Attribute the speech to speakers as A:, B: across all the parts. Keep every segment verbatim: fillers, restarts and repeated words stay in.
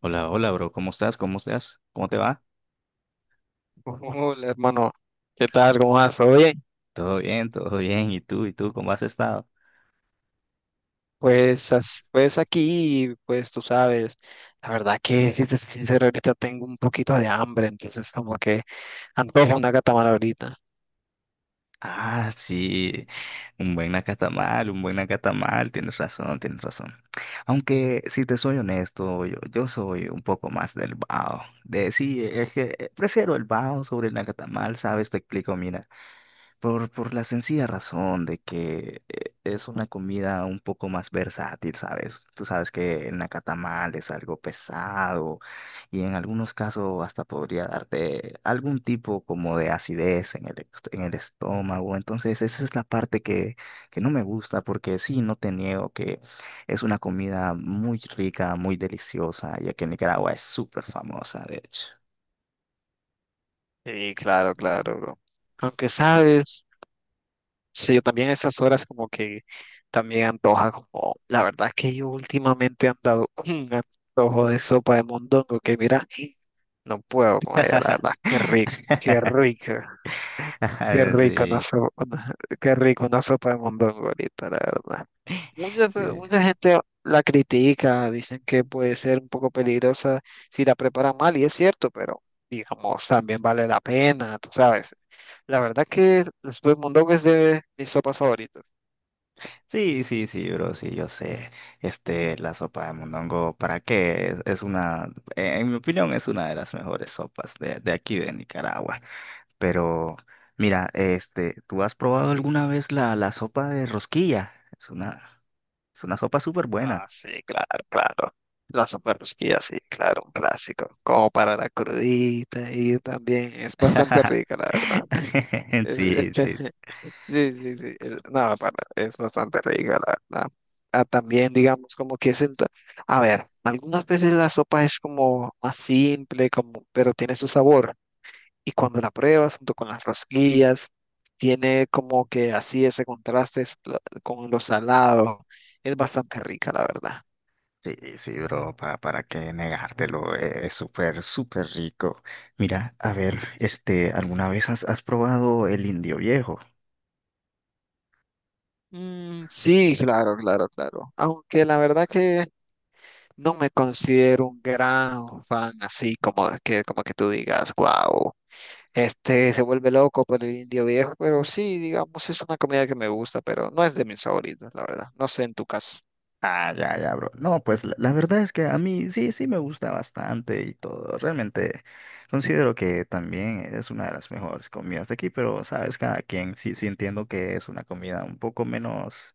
A: Hola, hola, bro. ¿Cómo estás? ¿Cómo estás? ¿Cómo te va?
B: Hola, hermano, ¿qué tal? ¿Cómo vas? Oye,
A: Todo bien, todo bien. ¿Y tú? ¿Y tú? ¿Cómo has estado?
B: pues, as- pues aquí, pues tú sabes, la verdad que si te soy sincero, ahorita tengo un poquito de hambre, entonces como que antojo una catamara ahorita.
A: Ah, sí. Un buen nacatamal, un buen nacatamal. Tienes razón, tienes razón. Aunque, si te soy honesto, yo, yo soy un poco más del bao. De sí, es que eh, prefiero el bao sobre el nacatamal, ¿sabes? Te explico, mira. Por, por la sencilla razón de que eh, es una comida un poco más versátil, ¿sabes? Tú sabes que el nacatamal es algo pesado y en algunos casos hasta podría darte algún tipo como de acidez en el, est- en el estómago. Entonces, esa es la parte que, que no me gusta porque sí, no te niego que es una comida muy rica, muy deliciosa, ya que Nicaragua es súper famosa, de hecho.
B: Sí, claro, claro, bro. Aunque sabes, sí, yo también a estas horas como que también antoja como, la verdad que yo últimamente he andado un antojo de sopa de mondongo que mira, no puedo con ella, la verdad, qué rico, qué rico. Qué rico una
A: Sí,
B: sopa, qué rico una sopa de mondongo ahorita, la verdad. Mucha, pe-
A: sí.
B: mucha gente la critica, dicen que puede ser un poco peligrosa si la preparan mal, y es cierto, pero digamos, también vale la pena, tú sabes. La verdad que la sopa de mondongo es de mis sopas favoritas.
A: Sí, sí, sí, bro, sí, yo sé. Este, la sopa de mondongo, ¿para qué? Es, es una, eh, en mi opinión, es una de las mejores sopas de, de aquí de Nicaragua. Pero, mira, este, ¿tú has probado alguna vez la, la sopa de rosquilla? Es una, es una sopa súper
B: Ah,
A: buena.
B: sí, claro, claro. La sopa de rosquilla, sí, claro, un clásico. Como para la crudita y también es bastante rica, la verdad.
A: Sí, sí, sí.
B: Sí, sí, sí. el- no, para- Es bastante rica, la verdad. Ah, también, digamos, como que es el... ta- a ver, algunas veces la sopa es como más simple, como, pero tiene su sabor. Y cuando la pruebas junto con las rosquillas, tiene como que así ese contraste es lo- con lo salado. Es bastante rica, la verdad.
A: Sí, sí, bro, para, para qué negártelo, eh, es súper, súper rico. Mira, a ver, este, ¿alguna vez has, has probado el indio viejo?
B: Mm, sí, claro, claro, claro. Aunque la verdad que no me considero un gran fan así como que, como que tú digas, wow. Este se vuelve loco por el indio viejo, pero sí, digamos, es una comida que me gusta, pero no es de mis favoritas, la verdad. No sé en tu caso.
A: Ah, ya, ya, bro. No, pues la, la verdad es que a mí sí, sí me gusta bastante y todo. Realmente considero que también es una de las mejores comidas de aquí, pero sabes, cada quien sí, sí entiendo que es una comida un poco menos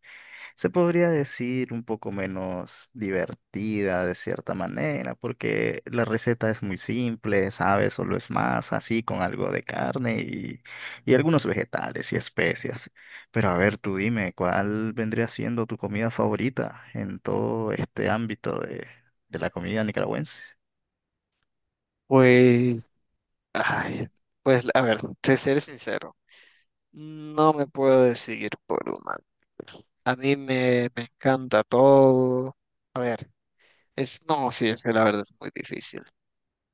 A: se podría decir un poco menos divertida de cierta manera, porque la receta es muy simple, ¿sabes? Solo es masa, así, con algo de carne y, y algunos vegetales y especias. Pero a ver, tú dime, ¿cuál vendría siendo tu comida favorita en todo este ámbito de, de la comida nicaragüense?
B: Pues, ay, pues, a ver, te seré sincero, no me puedo decidir por una. A mí me, me encanta todo. A ver, es, no, sí, es que la verdad es muy difícil.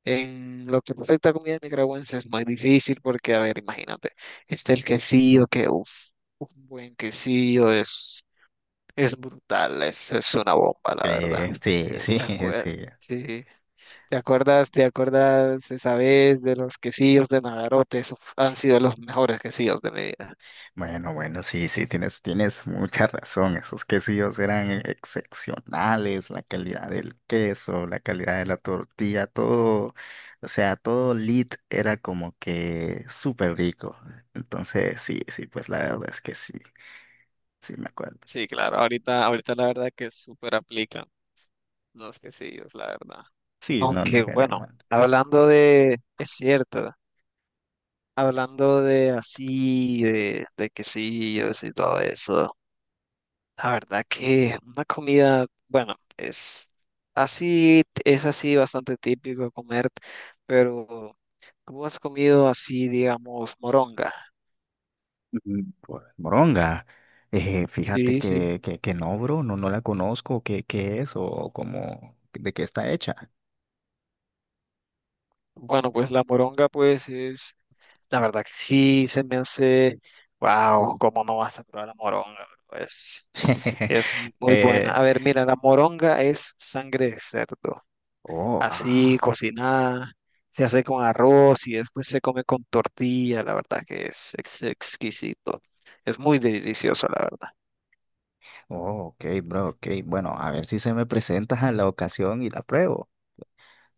B: En lo que respecta a comida nicaragüense es muy difícil porque, a ver, imagínate, está el quesillo que, uff, un buen quesillo es... Es brutal, es, es una bomba, la verdad.
A: Eh, sí,
B: Eh,
A: sí,
B: ¿te acuer-
A: sí.
B: sí, ¿Te acuerdas, te acuerdas esa vez de los quesillos de Nagarote? Esos han sido los mejores quesillos de mi vida.
A: Bueno, bueno, sí, sí, tienes, tienes mucha razón. Esos quesillos eran e, excepcionales, la calidad del queso, la calidad de la tortilla, todo, o sea, todo lit era como que súper rico. Entonces, sí, sí, pues la verdad es que sí, sí me acuerdo.
B: Sí, claro, ahorita, ahorita la verdad que súper aplican los quesillos, la verdad.
A: Sí, no, no
B: Aunque
A: quería
B: bueno,
A: mal.
B: hablando de, es cierto, hablando de así, de, de quesillos y todo eso. La verdad que una comida, bueno, es así, es así bastante típico comer, pero ¿tú has comido así, digamos, moronga?
A: Mm, pues, moronga, eh, fíjate
B: Sí, sí.
A: que, que, que no, bro, no, no la conozco, ¿qué, qué es o cómo, de qué está hecha?
B: Bueno, pues la moronga, pues es, la verdad que sí, se me hace, wow, ¿cómo no vas a probar la moronga? Pues es muy buena.
A: Eh,
B: A ver, mira, la moronga es sangre de cerdo,
A: oh,
B: así
A: ah.
B: cocinada, se hace con arroz y después se come con tortilla, la verdad que es ex- exquisito, es muy delicioso, la verdad.
A: Oh, ok, bro, ok. Bueno, a ver si se me presenta a la ocasión y la pruebo.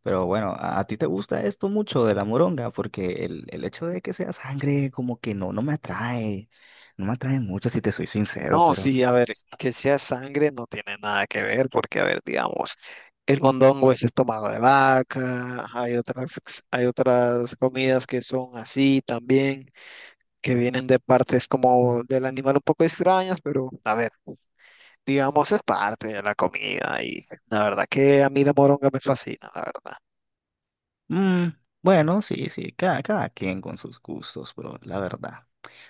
A: Pero bueno, a, a ti te gusta esto mucho de la moronga, porque el, el hecho de que sea sangre como que no, no me atrae. No me atrae mucho si te soy sincero,
B: No,
A: pero...
B: sí, a ver, que sea sangre no tiene nada que ver, porque, a ver, digamos, el mondongo es estómago de vaca, hay otras, hay otras comidas que son así también, que vienen de partes como del animal un poco extrañas, pero a ver, digamos es parte de la comida y la verdad que a mí la moronga me fascina, la verdad.
A: Mm, bueno, sí, sí, cada, cada quien con sus gustos, bro, la verdad.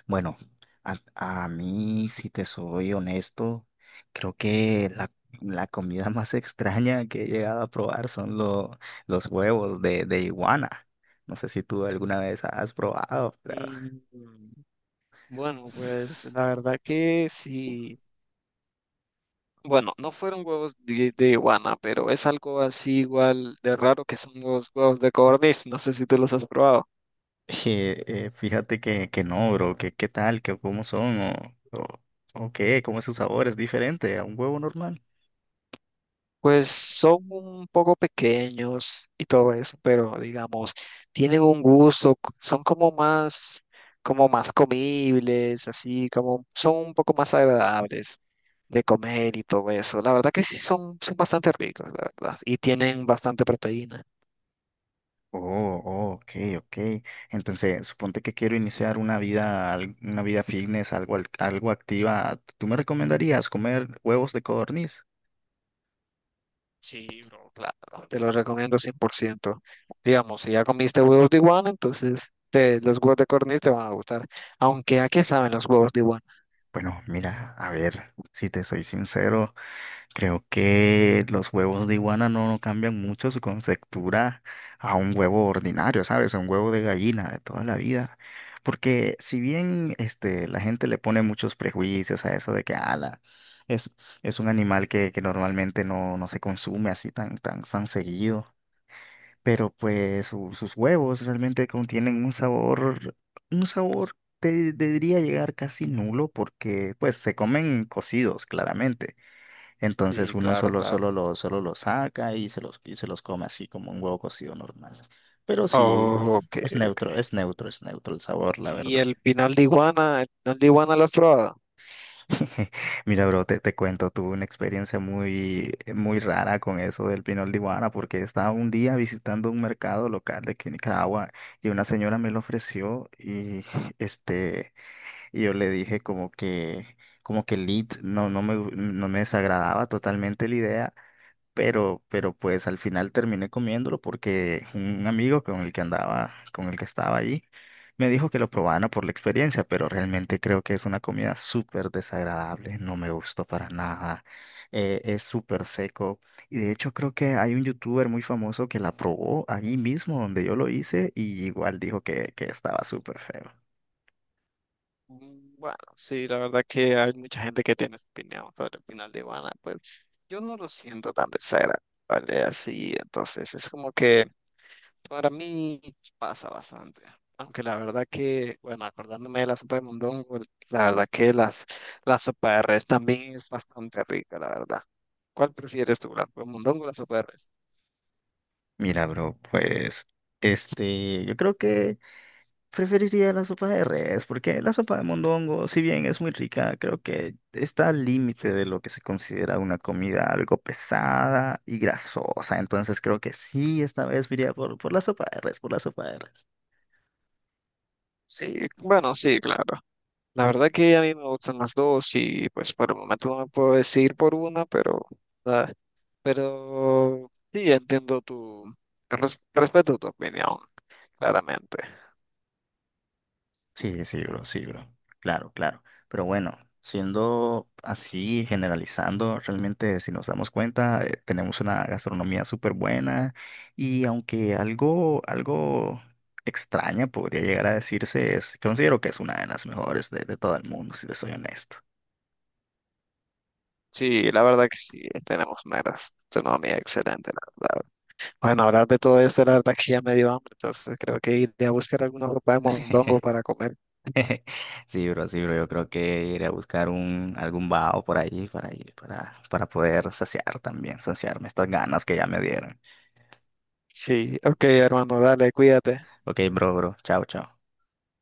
A: Bueno, a, a mí, si te soy honesto, creo que la, la comida más extraña que he llegado a probar son lo- los huevos de, de iguana. No sé si tú alguna vez has probado, pero...
B: Mm, Bueno, pues la verdad que sí. Bueno, no fueron huevos de, de iguana, pero es algo así igual de raro que son los huevos de codorniz. No sé si tú los has probado.
A: Eh, eh, fíjate que, que no, bro, que qué tal, que cómo son o, o, o qué, cómo es su sabor, es diferente a un huevo normal.
B: Pues son un poco pequeños y todo eso, pero digamos, tienen un gusto, c- son como más, como más comibles, así como son un poco más agradables de comer y todo eso. La verdad que sí son, son bastante ricos, la verdad, y tienen bastante proteína.
A: Oh, oh, ok, ok. Entonces, suponte que quiero iniciar una vida, al- una vida fitness, algo, al- algo activa. ¿Tú me recomendarías comer huevos de codorniz?
B: Sí, bro, claro. Te lo recomiendo cien por ciento. Digamos, si ya comiste huevos de iguana, entonces te- los huevos de codorniz te van a gustar. Aunque, ¿a qué saben los huevos de iguana?
A: Bueno, mira, a ver, si te soy sincero. Creo que los huevos de iguana no, no cambian mucho su conceptura a un huevo ordinario, ¿sabes? A un huevo de gallina de toda la vida. Porque si bien este, la gente le pone muchos prejuicios a eso de que ala, es, es un animal que, que normalmente no, no se consume así tan, tan, tan seguido, pero pues su- sus huevos realmente contienen un sabor, un sabor, te, te diría llegar casi nulo porque pues se comen cocidos, claramente entonces
B: Sí,
A: uno
B: claro,
A: solo,
B: claro.
A: solo lo, solo lo saca y se los, y se los come así como un huevo cocido normal. Pero sí,
B: Oh, ok,
A: es
B: ok.
A: neutro, es neutro, es neutro el sabor, la
B: ¿Y
A: verdad.
B: el pinal de iguana? ¿El pinal de iguana lo has probado?
A: Mira, bro, te, te cuento, tuve una experiencia muy, muy rara con eso del pinol de iguana, porque estaba un día visitando un mercado local de aquí en Nicaragua y una señora me lo ofreció y este, y yo le dije como que, como que el lead no, no me, no me desagradaba totalmente la idea pero, pero pues al final terminé comiéndolo porque un amigo con el que andaba, con el que estaba allí, me dijo que lo probara por la experiencia, pero realmente creo que es una comida súper desagradable, no me gustó para nada, eh, es súper seco y de hecho creo que hay un youtuber muy famoso que la probó allí mismo donde yo lo hice y igual dijo que, que estaba súper feo.
B: Mm, Bueno, sí, la verdad que hay mucha gente que tiene opinión sobre el pinal de iguana. Pues yo no lo siento tan de cera, ¿vale? Así, entonces es como que para mí pasa bastante, aunque la verdad que, bueno, acordándome de la sopa de mondongo, la verdad que las, la sopa de res también es bastante rica, la verdad. ¿Cuál prefieres tú, la sopa de mondongo o la sopa de res?
A: Mira, bro, pues este, yo creo que... Preferiría la sopa de res, porque la sopa de mondongo, si bien es muy rica, creo que está al límite de lo que se considera una comida algo pesada y grasosa. Entonces creo que sí, esta vez me iría por, por la sopa de res, por la sopa de res.
B: Sí, bueno, sí, claro. La verdad que a mí me gustan las dos y pues por el momento no me puedo decidir por una, pero, ah, pero sí, entiendo tu, res- respeto tu opinión, claramente.
A: Sí, sí, bro, sí, bro. Claro, claro. Pero bueno, siendo así, generalizando, realmente si nos damos cuenta, eh, tenemos una gastronomía súper buena y aunque algo, algo extraña podría llegar a decirse, es, considero que es una de las mejores de, de todo el mundo, si te soy honesto.
B: Sí, la verdad que sí, tenemos meras, tenemos excelente, la verdad. Bueno, hablar de todo esto, la verdad que ya me dio hambre, entonces creo que iré a buscar alguna ropa de mondongo para comer.
A: Sí, bro, sí, bro, yo creo que iré a buscar un, algún vaho por ahí para, ir- para, para poder saciar también, saciarme estas ganas que ya me dieron.
B: Sí, ok, hermano, dale, cuídate.
A: Ok, bro, bro, chao, chao.